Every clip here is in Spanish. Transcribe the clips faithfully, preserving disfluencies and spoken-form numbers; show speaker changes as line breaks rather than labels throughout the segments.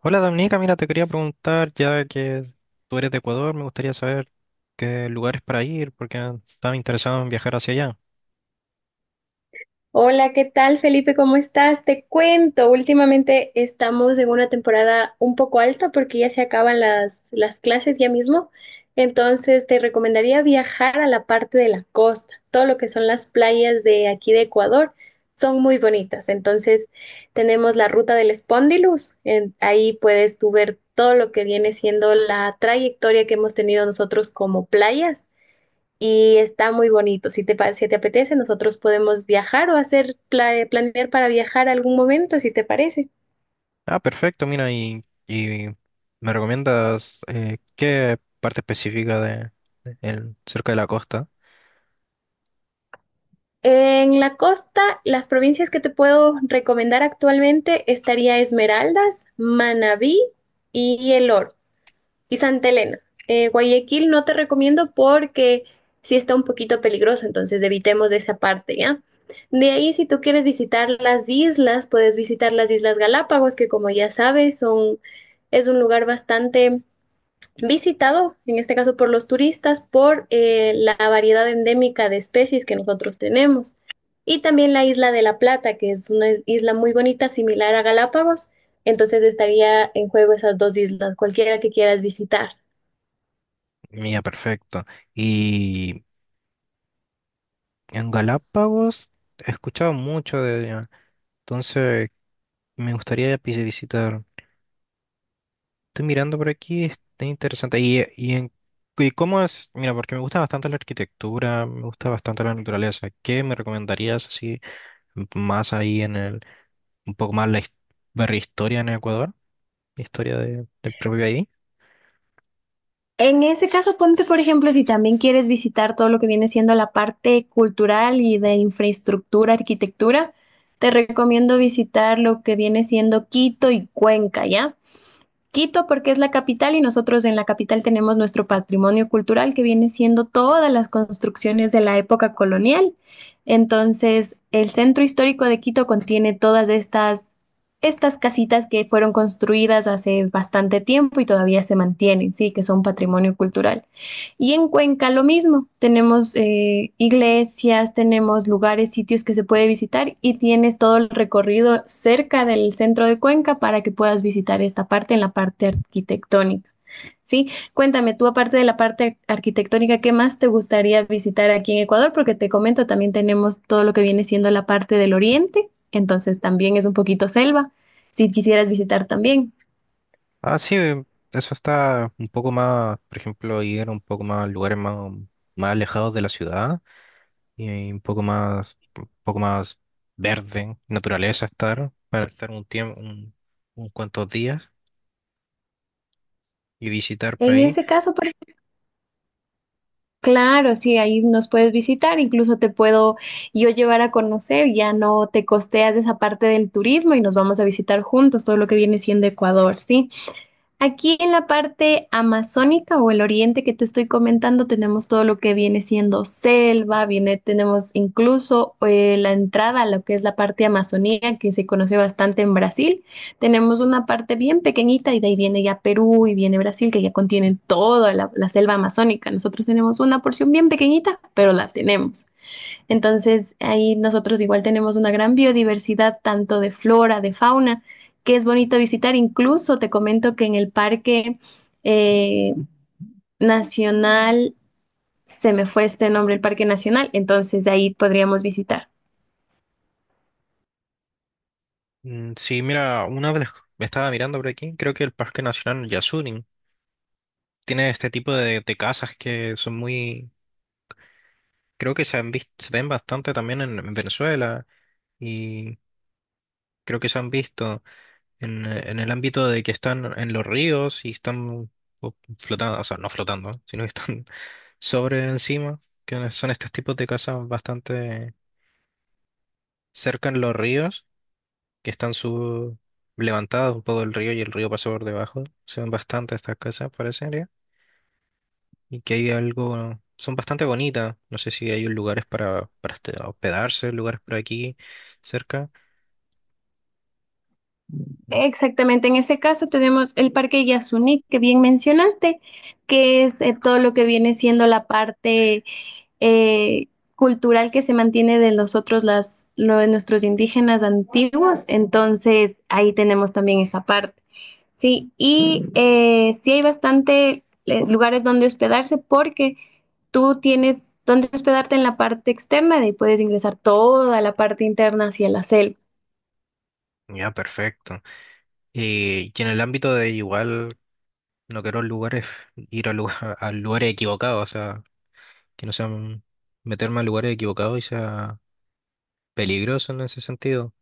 Hola Dominica, mira, te quería preguntar, ya que tú eres de Ecuador. Me gustaría saber qué lugares para ir, porque estaba interesado en viajar hacia allá.
Hola, ¿qué tal, Felipe? ¿Cómo estás? Te cuento, últimamente estamos en una temporada un poco alta porque ya se acaban las, las clases ya mismo. Entonces, te recomendaría viajar a la parte de la costa. Todo lo que son las playas de aquí de Ecuador son muy bonitas. Entonces, tenemos la ruta del Spondylus. En- ahí puedes tú ver todo lo que viene siendo la trayectoria que hemos tenido nosotros como playas y está muy bonito. Si te, pa- si te apetece, nosotros podemos viajar o hacer pla- planear para viajar algún momento, si te parece.
Ah, perfecto, mira, y, y me recomiendas eh, qué parte específica de, de- el- cerca de la costa.
En la costa, las provincias que te puedo recomendar actualmente estaría Esmeraldas, Manabí y El Oro. Y Santa Elena. Eh, Guayaquil no te recomiendo porque sí está un poquito peligroso, entonces evitemos esa parte, ¿ya? De ahí, si tú quieres visitar las islas, puedes visitar las Islas Galápagos, que como ya sabes, son, es un lugar bastante visitado, en este caso por los turistas, por eh, la variedad endémica de especies que nosotros tenemos. Y también la isla de La Plata, que es una is- isla muy bonita, similar a Galápagos. Entonces estaría en juego esas dos islas, cualquiera que quieras visitar.
Mira, perfecto. Y en Galápagos he escuchado mucho de, entonces me gustaría vis- visitar. Estoy mirando por aquí, está interesante. Y, y, en, y cómo es, mira, porque me gusta bastante la arquitectura, me gusta bastante la naturaleza. ¿Qué me recomendarías así más ahí en el, un poco más la his- ver historia en Ecuador? La historia de- del propio país.
En ese caso, ponte, por ejemplo, si también quieres visitar todo lo que viene siendo la parte cultural y de infraestructura, arquitectura, te recomiendo visitar lo que viene siendo Quito y Cuenca, ¿ya? Quito porque es la capital y nosotros en la capital tenemos nuestro patrimonio cultural que viene siendo todas las construcciones de la época colonial. Entonces, el centro histórico de Quito contiene todas estas, estas casitas que fueron construidas hace bastante tiempo y todavía se mantienen, sí, que son patrimonio cultural. Y en Cuenca lo mismo, tenemos eh, iglesias, tenemos lugares, sitios que se puede visitar y tienes todo el recorrido cerca del centro de Cuenca para que puedas visitar esta parte en la parte arquitectónica. ¿Sí? Cuéntame tú, aparte de la parte arquitectónica, ¿qué más te gustaría visitar aquí en Ecuador? Porque te comento, también tenemos todo lo que viene siendo la parte del oriente, entonces también es un poquito selva, si quisieras visitar también.
Ah, sí, eh, eso está un poco más, por ejemplo, ir un poco más a lugares más, más alejados de la ciudad. Y ahí un poco más, un poco más verde, naturaleza estar, para estar un tiempo, un, un cuantos días y visitar por
En
ahí.
ese caso, por Claro, sí, ahí nos puedes visitar, incluso te puedo yo llevar a conocer, ya no te costeas esa parte del turismo y nos vamos a visitar juntos todo lo que viene siendo Ecuador, ¿sí? Aquí en la parte amazónica o el oriente que te estoy comentando, tenemos todo lo que viene siendo selva, viene, tenemos incluso eh, la entrada a lo que es la parte amazonía, que se conoce bastante en Brasil. Tenemos una parte bien pequeñita y de ahí viene ya Perú y viene Brasil, que ya contienen toda la, la selva amazónica. Nosotros tenemos una porción bien pequeñita, pero la tenemos. Entonces, ahí nosotros igual tenemos una gran biodiversidad, tanto de flora, de fauna, que es bonito visitar. Incluso te comento que en el Parque eh, Nacional, se me fue este nombre, el Parque Nacional, entonces ahí podríamos visitar.
Mm, Sí, mira, una de las, me estaba mirando por aquí, creo que el Parque Nacional Yasuní tiene este tipo de, de casas que son muy, creo que se han visto, se ven bastante también en, en Venezuela, y creo que se han visto en, en el ámbito de que están en los ríos y están flotando, o sea, no flotando, sino que están sobre encima, que no son estos tipos de casas bastante cerca en los ríos, que están sub levantados un poco del río, y el río pasa por debajo. Se ven bastante estas casas, parecería. Y que hay algo, son bastante bonitas. No sé si hay lugares para, para este- hospedarse, lugares por aquí cerca.
Exactamente, en ese caso tenemos el Parque Yasuní, que bien mencionaste, que es eh, todo lo que viene siendo la parte eh, cultural que se mantiene de nosotros, las, lo de nuestros indígenas antiguos, entonces ahí tenemos también esa parte. Sí, y eh, sí hay bastante eh, lugares donde hospedarse porque tú tienes donde hospedarte en la parte externa y puedes ingresar toda la parte interna hacia la selva.
Ya, perfecto. Y, y en el ámbito de igual, no quiero lugares, ir a, lugar- a lugares equivocados, o sea, que no sean meterme a lugares equivocados y sea peligroso en ese sentido.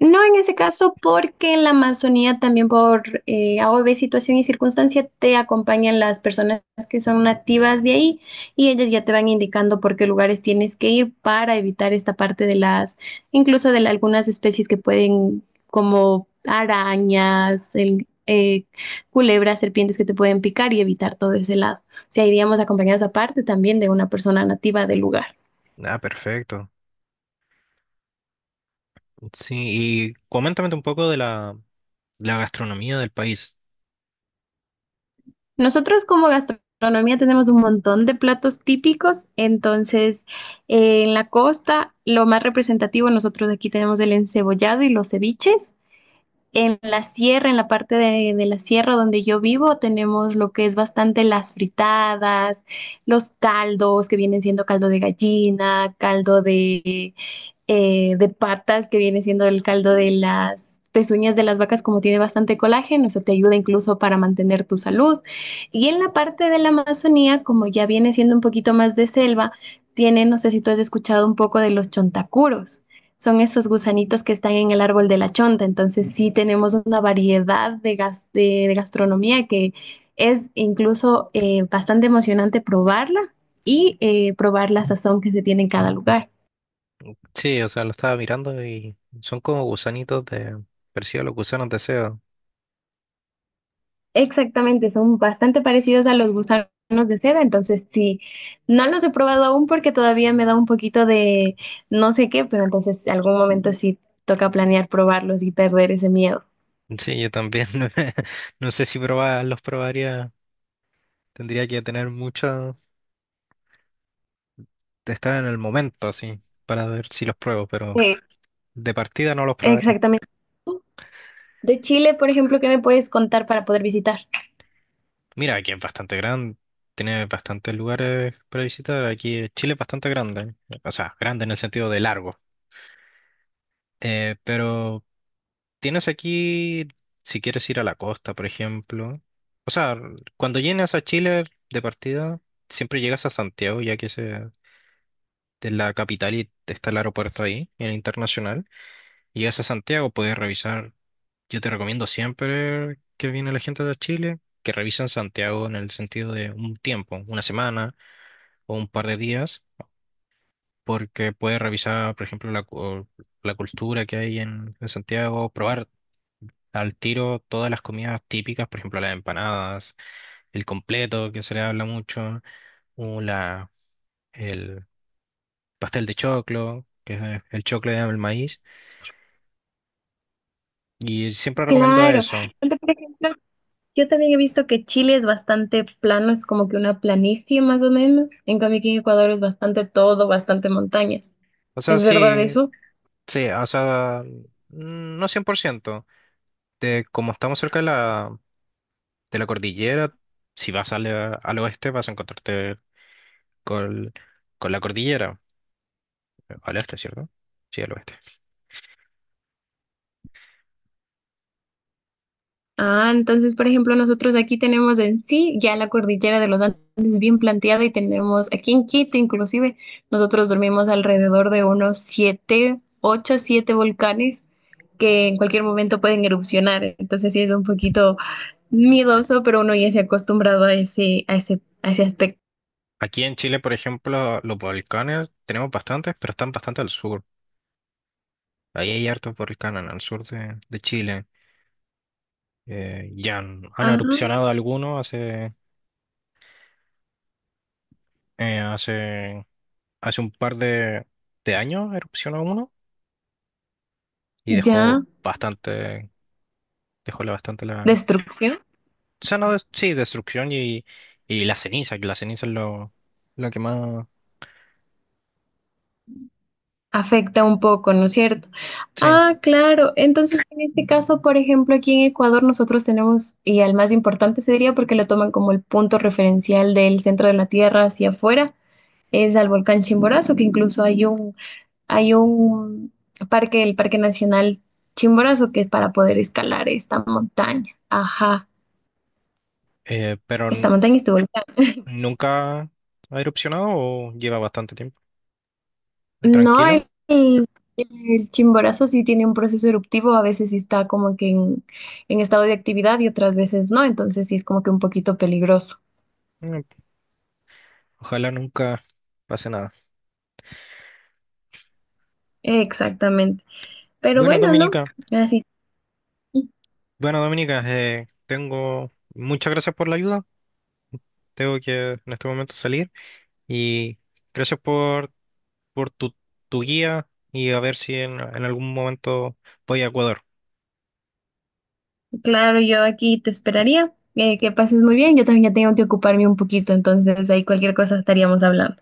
No en ese caso, porque en la Amazonía también por eh, A O V, situación y circunstancia, te acompañan las personas que son nativas de ahí y ellas ya te van indicando por qué lugares tienes que ir para evitar esta parte de las, incluso de la- algunas especies que pueden, como arañas, el- eh, culebras, serpientes que te pueden picar y evitar todo ese lado. O sea, iríamos acompañados aparte también de una persona nativa del lugar.
Ah, perfecto. Sí, y coméntame un poco de la, la gastronomía del país.
Nosotros como gastronomía tenemos un montón de platos típicos, entonces eh, en la costa lo más representativo nosotros aquí tenemos el encebollado y los ceviches. En la sierra, en la parte de, de la sierra donde yo vivo, tenemos lo que es bastante las fritadas, los caldos que vienen siendo caldo de gallina, caldo de, eh, de patas, que viene siendo el caldo de las pezuñas de las vacas, como tiene bastante colágeno, eso te ayuda incluso para mantener tu salud. Y en la parte de la Amazonía, como ya viene siendo un poquito más de selva, tiene, no sé si tú has escuchado un poco de los chontacuros. Son esos gusanitos que están en el árbol de la chonta. Entonces sí tenemos una variedad de, gas- de- de gastronomía que es incluso eh, bastante emocionante probarla y eh, probar la sazón que se tiene en cada lugar.
Sí, o sea, lo estaba mirando y son como gusanitos de, parecido a los gusanos de S E O.
Exactamente, son bastante parecidos a los gusanos de seda, entonces sí, no los he probado aún porque todavía me da un poquito de no sé qué, pero entonces algún momento sí toca planear probarlos y perder ese miedo.
Sí, yo también. No sé si probar, los probaría. Tendría que tener mucho, de estar en el momento así, para ver si los pruebo, pero
Sí.
de partida no los probaría.
Exactamente. De Chile, por ejemplo, ¿qué me puedes contar para poder visitar?
Mira, aquí es bastante grande, tiene bastantes lugares para visitar. Aquí Chile es bastante grande, o sea, grande en el sentido de largo. Eh, pero Tienes aquí, si quieres ir a la costa, por ejemplo. O sea, cuando llegas a Chile de partida, siempre llegas a Santiago, ya que ese es eh, la capital y está el aeropuerto ahí, el internacional. Llegas a Santiago, puedes revisar. Yo te recomiendo siempre que viene la gente de Chile, que revisen Santiago en el sentido de un tiempo, una semana o un par de días, porque puedes revisar, por ejemplo, la, cu- la cultura que hay en en Santiago, probar al tiro todas las comidas típicas, por ejemplo, las empanadas, el completo, que se le habla mucho, o la, el pastel de choclo, que es eh, el choclo de el maíz, y siempre recomiendo
Claro.
eso.
Entonces, por ejemplo, yo también he visto que Chile es bastante plano, es como que una planicie más o menos. En cambio, aquí en Ecuador es bastante todo, bastante montañas.
O sea,
¿Es verdad
sí,
eso?
sí, o sea, mm, no cien por ciento. De, como estamos cerca de la, de la cordillera, si vas al, al oeste vas a encontrarte con, con la cordillera, al este, ¿cierto? Sí, al oeste.
Ah, entonces, por ejemplo, nosotros aquí tenemos en sí ya la cordillera de los Andes bien planteada y tenemos aquí en Quito, inclusive, nosotros dormimos alrededor de unos siete, ocho, siete volcanes que en cualquier momento pueden erupcionar. Entonces, sí es un poquito miedoso, pero uno ya se ha acostumbrado a ese, a ese, a ese aspecto.
Aquí en Chile, por ejemplo, los volcanes tenemos bastantes, pero están bastante al sur. Ahí hay hartos volcanes al sur de, de Chile. Eh, ya han, han
Ah,
erupcionado algunos hace, eh, hace, hace un par de, de años, erupcionó uno y dejó
ya,
bastante, dejó la- bastante la...
destrucción.
O sea, no, des- sí, destrucción y, y la ceniza, que la ceniza es lo, lo que más...
Afecta un poco, ¿no es cierto?
Sí,
Ah, claro. Entonces, en este caso, por ejemplo, aquí en Ecuador nosotros tenemos, y al más importante se diría porque lo toman como el punto referencial del centro de la Tierra hacia afuera, es al volcán Chimborazo, que incluso hay un, hay un parque, el Parque Nacional Chimborazo, que es para poder escalar esta montaña. Ajá,
eh, pero
esta
n-
montaña estuvo
nunca ha erupcionado o lleva bastante tiempo.
No,
Tranquilo.
el, el- el chimborazo sí tiene un proceso eruptivo, a veces sí está como que en, en estado de actividad y otras veces no, entonces sí es como que un poquito peligroso.
eh, Ojalá nunca pase nada.
Exactamente. Pero
Bueno,
bueno, ¿no?
Dominica,
Así,
bueno, Dominica, eh, tengo muchas gracias por la ayuda. Tengo que en este momento salir y gracias por, por tu, tu guía, y a ver si en, en algún momento voy a Ecuador.
claro, yo aquí te esperaría. Eh, que pases muy bien, yo también ya tengo que ocuparme un poquito, entonces ahí cualquier cosa estaríamos hablando.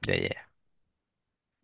Ya, ya.